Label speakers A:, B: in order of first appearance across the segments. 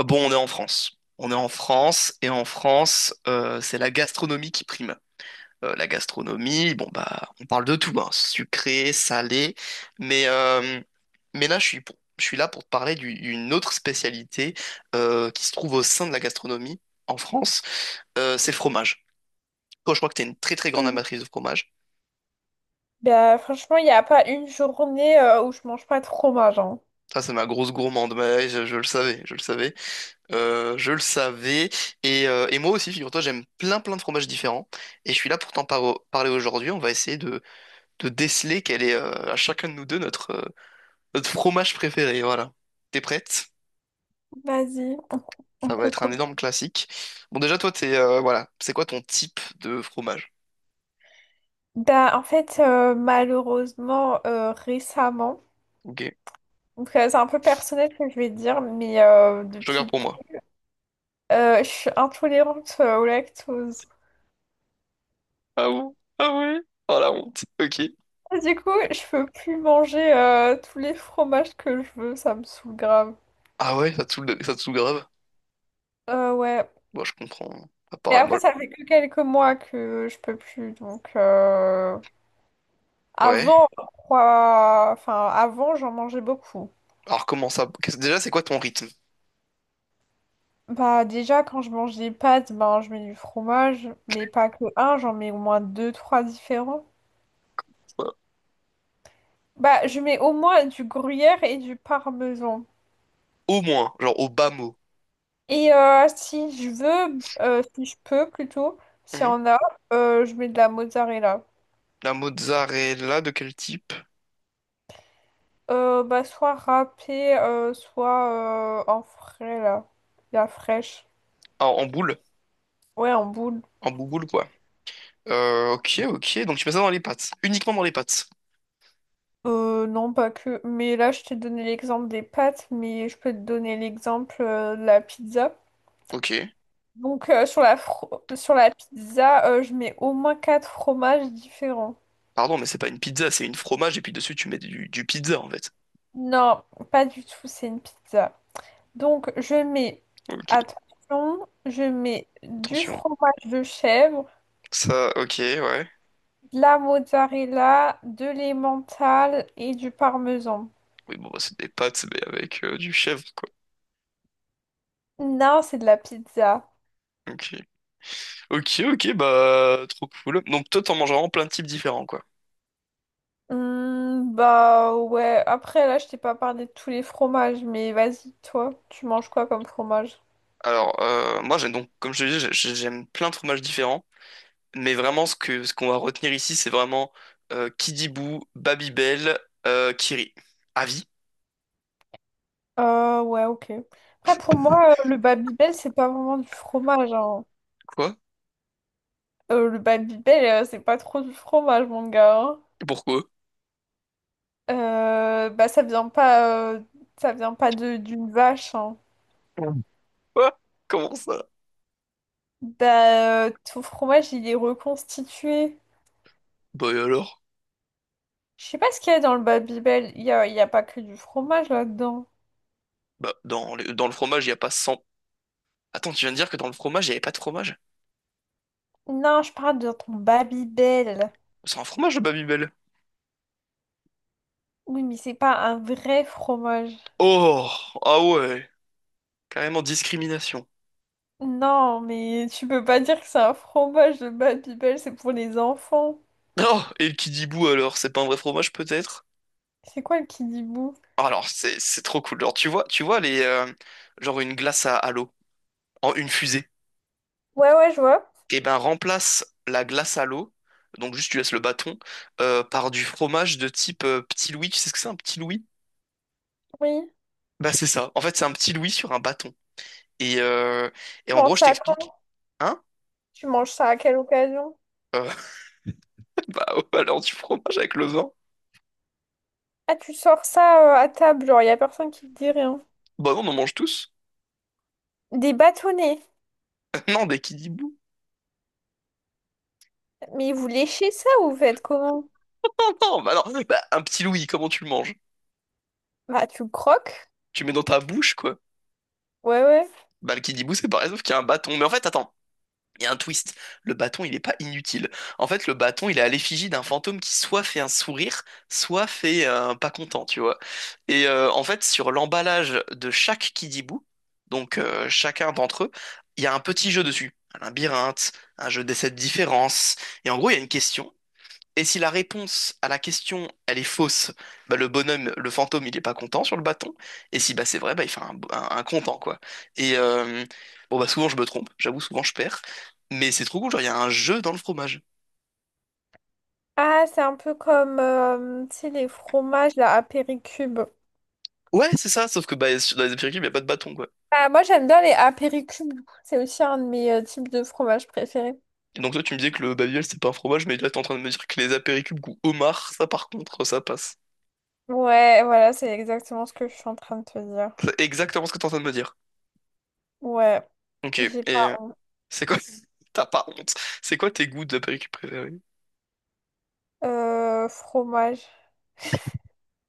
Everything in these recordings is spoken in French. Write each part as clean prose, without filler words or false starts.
A: Bon, on est en France. On est en France et en France, c'est la gastronomie qui prime. La gastronomie, bon bah, on parle de tout, hein, sucré, salé, mais euh, mais là, je suis là pour te d'une autre spécialité qui se trouve au sein de la gastronomie en France. C'est le fromage. Toi, je crois que t'es une très très grande
B: Mm.
A: amatrice de fromage.
B: Bah, franchement, il n'y a pas une journée où je mange pas de fromage, hein.
A: Ça, c'est ma grosse gourmande, mais je le savais, je le savais. Je le savais. Et moi aussi, figure-toi, j'aime plein plein de fromages différents. Et je suis là pour parler aujourd'hui. On va essayer de déceler quel est à chacun de nous deux notre fromage préféré. Voilà. T'es prête?
B: Vas-y, on
A: Ça va être un
B: recommence.
A: énorme classique. Bon, déjà, toi, voilà. C'est quoi ton type de fromage?
B: Bah, en fait, malheureusement, récemment,
A: Ok.
B: donc, c'est un peu personnel ce que je vais dire, mais
A: Je te garde
B: depuis,
A: pour moi.
B: je suis intolérante au lactose.
A: Ah bon? Ah ouais? Oh la honte. Ok.
B: Et du coup, je peux plus manger tous les fromages que je veux, ça me saoule grave.
A: Ah ouais, ça te saoule, ça te saoule grave?
B: Ouais.
A: Bon, je comprends. À
B: Mais
A: part,
B: après,
A: moi.
B: ça fait que quelques mois que je peux plus, donc…
A: Ouais.
B: Avant, quoi, enfin, avant, j'en mangeais beaucoup.
A: Alors, comment ça? Déjà, c'est quoi ton rythme?
B: Bah, déjà, quand je mange des pâtes, ben, je mets du fromage, mais pas que un, j'en mets au moins deux, trois différents. Bah, je mets au moins du gruyère et du parmesan.
A: Au moins, genre au bas mot.
B: Et si je veux, si je peux plutôt, s'il y en a, je mets de la mozzarella.
A: La mozzarella de quel type?
B: Bah, soit râpée, soit en frais, là, la fraîche.
A: Ah, en boule.
B: Ouais, en boule.
A: En bouboule, quoi. Ok, ok. Donc tu mets ça dans les pâtes. Uniquement dans les pâtes.
B: Non, pas que. Mais là, je t'ai donné l'exemple des pâtes, mais je peux te donner l'exemple de la pizza.
A: Ok.
B: Donc, sur sur la pizza, je mets au moins quatre fromages différents.
A: Pardon, mais c'est pas une pizza, c'est une fromage et puis dessus tu mets du pizza en fait.
B: Non, pas du tout, c'est une pizza. Donc, je mets,
A: Ok.
B: attention, je mets du
A: Attention.
B: fromage de chèvre,
A: Ça, ok, ouais.
B: de la mozzarella, de l'emmental et du parmesan.
A: Oui, bon, bah, c'est des pâtes, mais avec du chèvre, quoi.
B: Non, c'est de la pizza.
A: Ok. Ok, ok, bah, trop cool. Donc toi, t'en manges vraiment plein de types différents, quoi.
B: Hmm, bah ouais, après là je t'ai pas parlé de tous les fromages, mais vas-y, toi, tu manges quoi comme fromage?
A: Alors, moi, j'aime donc, comme je te disais, j'aime plein de fromages différents. Mais vraiment, ce qu'on va retenir ici, c'est vraiment Kidibou, Babybel, Kiri. Avis?
B: Ouais, ok. Après pour moi, le Babybel c'est pas vraiment du fromage, hein.
A: Quoi?
B: Le Babybel c'est pas trop du fromage, mon gars, hein.
A: Pourquoi?
B: Bah ça vient pas de d'une vache, hein.
A: Quoi? Comment ça?
B: Bah ton fromage il est reconstitué.
A: Bah et alors?
B: Je sais pas ce qu'il y a dans le Babybel, il y a pas que du fromage là-dedans.
A: Bah, dans dans le fromage, il n'y a pas cent. Attends, tu viens de dire que dans le fromage, il n'y avait pas de fromage?
B: Non, je parle de ton Babybel.
A: C'est un fromage, le Babybel.
B: Oui, mais c'est pas un vrai fromage.
A: Oh! Ah ouais! Carrément discrimination.
B: Non, mais tu peux pas dire que c'est un fromage de Bad People, c'est pour les enfants.
A: Oh! Et le Kidibou, alors? C'est pas un vrai fromage, peut-être?
B: C'est quoi le Kidibou?
A: Alors, c'est trop cool. Alors, tu vois, genre une glace à l'eau. En une fusée.
B: Ouais, ouais, je vois.
A: Et ben, remplace la glace à l'eau, donc juste tu laisses le bâton, par du fromage de type petit Louis. Tu sais ce que c'est un petit Louis?
B: Oui.
A: Bah c'est ça. En fait, c'est un petit Louis sur un bâton. Et, euh, et
B: Tu
A: en
B: manges
A: gros, je
B: ça
A: t'explique.
B: quand?
A: Hein?
B: Tu manges ça à quelle occasion?
A: Euh, bah, ouais, alors du fromage avec le vin?
B: Ah, tu sors ça à table, genre, y a personne qui te dit rien.
A: Bah non, on en mange tous.
B: Des bâtonnets.
A: Non, des kidibou.
B: Mais vous léchez ça ou vous faites comment?
A: Non, bah non. Bah, un petit Louis, comment tu le manges?
B: Bah, tu croques.
A: Tu le mets dans ta bouche, quoi.
B: Ouais, ouais.
A: Bah le kidibou, c'est pareil, sauf qu'il y a un bâton. Mais en fait, attends. Il y a un twist. Le bâton, il n'est pas inutile. En fait, le bâton, il est à l'effigie d'un fantôme qui soit fait un sourire, soit fait un pas content, tu vois. En fait, sur l'emballage de chaque Kidibou, chacun d'entre eux, il y a un petit jeu dessus. Un labyrinthe, un jeu des sept différences. Et en gros, il y a une question. Et si la réponse à la question, elle est fausse, bah, le bonhomme, le fantôme, il est pas content sur le bâton. Et si bah, c'est vrai, bah, il fait un content, quoi. Et euh, bon, bah, souvent, je me trompe. J'avoue, souvent, je perds. Mais c'est trop cool, genre, il y a un jeu dans le fromage.
B: Ah, c'est un peu comme, tu sais, les fromages, là, à Péricube.
A: Ouais, c'est ça, sauf que bah, dans les apéricubes, il n'y a pas de bâton, quoi.
B: Ah, moi, j'aime bien les apéricubes. C'est aussi un de mes types de fromage préférés.
A: Et donc, toi, tu me disais que le babiol, c'est pas un fromage, mais là, t'es en train de me dire que les apéricubes goût homard, ça, par contre, ça passe.
B: Ouais, voilà, c'est exactement ce que je suis en train de te dire.
A: C'est exactement ce que t'es en train de me dire.
B: Ouais,
A: Ok, et
B: j'ai pas honte.
A: c'est quoi... T'as pas honte. C'est quoi tes goûts d'apéricubes préférés?
B: Fromage.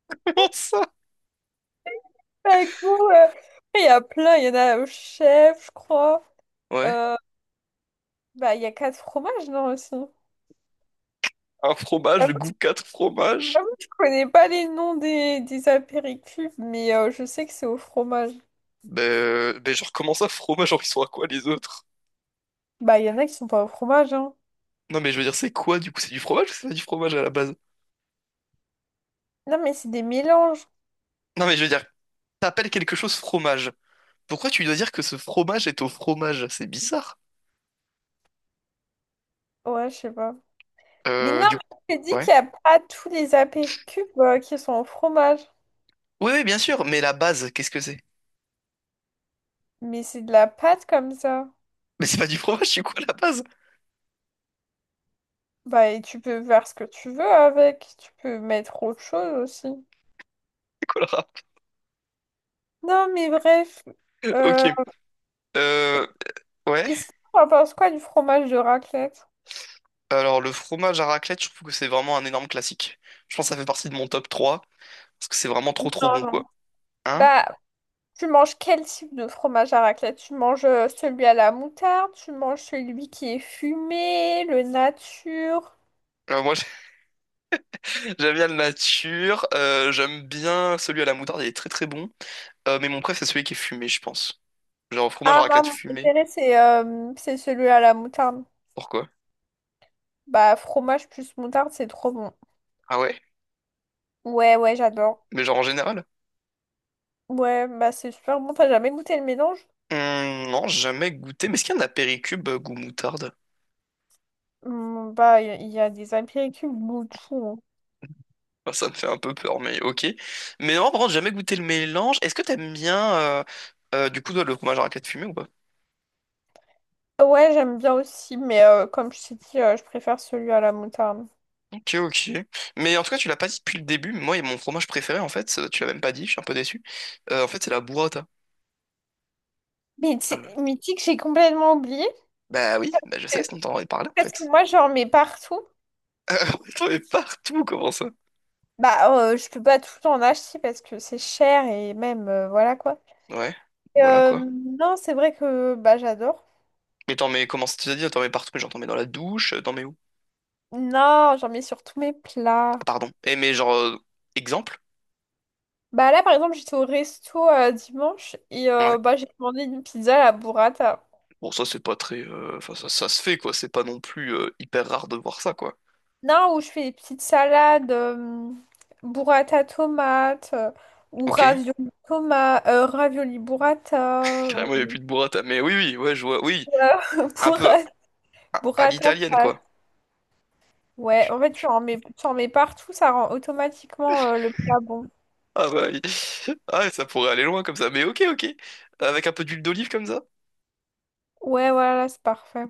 A: Comment ça?
B: Bah, écoute, il y a plein, il y en a au chef, je crois.
A: Ouais.
B: Euh, bah, il y a quatre fromages, non, aussi.
A: Un fromage de goût
B: J'avoue,
A: 4 fromages?
B: j'avoue, je connais pas les noms des apéricubes, mais je sais que c'est au fromage.
A: Ben genre, comment ça, fromage? Genre, ils sont à quoi les autres?
B: Bah, il y en a qui sont pas au fromage, hein.
A: Non, mais je veux dire, c'est quoi du coup? C'est du fromage ou c'est pas du fromage à la base?
B: Non, mais c'est des mélanges.
A: Non, mais je veux dire, t'appelles quelque chose fromage. Pourquoi tu dois dire que ce fromage est au fromage? C'est bizarre.
B: Ouais, je sais pas. Mais non,
A: Du coup.
B: mais je te dis
A: Ouais.
B: qu'il n'y a pas tous les apéricubes qui sont au fromage.
A: Oui, oui, bien sûr, mais la base, qu'est-ce que c'est?
B: Mais c'est de la pâte comme ça.
A: Mais c'est pas du fromage, du coup, à la base.
B: Bah, et tu peux faire ce que tu veux avec. Tu peux mettre autre chose aussi.
A: C'est quoi le rap?
B: Non, mais bref.
A: Ok.
B: Euh,
A: Euh, ouais.
B: et sinon, on pense quoi du fromage de raclette?
A: Alors, le fromage à raclette, je trouve que c'est vraiment un énorme classique. Je pense que ça fait partie de mon top 3 parce que c'est vraiment trop trop
B: Non,
A: bon,
B: non.
A: quoi. Hein?
B: Bah, tu manges quel type de fromage à raclette? Tu manges celui à la moutarde, tu manges celui qui est fumé, le nature.
A: Euh, moi, J'aime bien le nature, j'aime bien celui à la moutarde, il est très très bon. Mais mon préf, c'est celui qui est fumé, je pense. Genre fromage à
B: Ah, moi,
A: raclette
B: mon
A: fumé.
B: préféré, c'est celui à la moutarde.
A: Pourquoi?
B: Bah, fromage plus moutarde, c'est trop bon.
A: Ah ouais?
B: Ouais, ouais, j'adore.
A: Mais genre en général?
B: Ouais, bah, c'est super bon. T'as jamais goûté le mélange?
A: Non, jamais goûté. Mais est-ce qu'il y en a Péricube goût moutarde?
B: Hmm, bah, il y a des apéritifs de tout,
A: Enfin, ça me fait un peu peur, mais ok. Mais non, par contre, jamais goûté le mélange. Est-ce que t'aimes bien du coup toi, le fromage à raclette fumé ou pas?
B: hein. Ouais, j'aime bien aussi, mais comme je t'ai dit, je préfère celui à la moutarde.
A: Ok, ok. Mais en tout cas, tu l'as pas dit depuis le début. Moi, mon fromage préféré, en fait, tu l'as même pas dit, je suis un peu déçu. En fait, c'est la burrata. Ah ouais.
B: Mais tu sais que j'ai complètement oublié.
A: Bah oui, bah je
B: euh,
A: sais, sinon t'en aurais parlé en
B: Parce
A: fait.
B: que moi, j'en mets partout.
A: T'en mets partout, comment ça?
B: Bah, je peux pas tout le temps en acheter parce que c'est cher et même, voilà quoi.
A: Ouais,
B: Et,
A: voilà quoi.
B: non, c'est vrai que bah, j'adore.
A: Mais t'en mets, comment ça t'as dit? T'en mets partout, mais genre t'en mets dans la douche, t'en mets où?
B: Non, j'en mets sur tous mes
A: Ah,
B: plats.
A: pardon. Eh mais exemple?
B: Bah là, par exemple, j'étais au resto dimanche et
A: Ouais.
B: bah, j'ai commandé une pizza à la burrata.
A: Bon, ça c'est pas très... Enfin, ça se fait quoi, c'est pas non plus hyper rare de voir ça quoi.
B: Non, où je fais des petites salades, burrata tomate ou
A: Ok.
B: ravioli tomate, ravioli burrata ou
A: Carrément, il y a plus de burrata. Mais oui, oui, ouais, je vois, oui. Un peu
B: burrata,
A: à
B: burrata
A: l'italienne quoi.
B: pâte. Ouais, en fait, tu en mets partout, ça rend automatiquement le plat bon.
A: Ah bah, oui. Ah, ça pourrait aller loin comme ça. Mais ok, ok. Avec un peu d'huile d'olive comme ça?
B: Ouais, voilà, c'est parfait.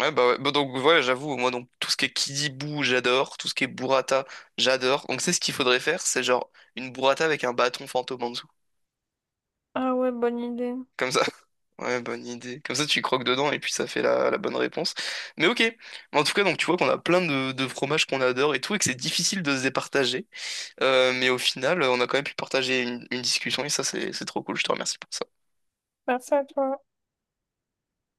A: Ouais. Bah donc voilà, j'avoue, moi donc tout ce qui est Kidibou, j'adore, tout ce qui est burrata, j'adore. Donc c'est ce qu'il faudrait faire, c'est genre une burrata avec un bâton fantôme en dessous.
B: Ah ouais, bonne idée.
A: Comme ça. Ouais, bonne idée. Comme ça tu croques dedans et puis ça fait la bonne réponse. Mais ok. Mais en tout cas, donc tu vois qu'on a plein de fromages qu'on adore et tout, et que c'est difficile de se départager. Mais au final, on a quand même pu partager une discussion et ça c'est trop cool, je te remercie pour ça.
B: Merci à toi.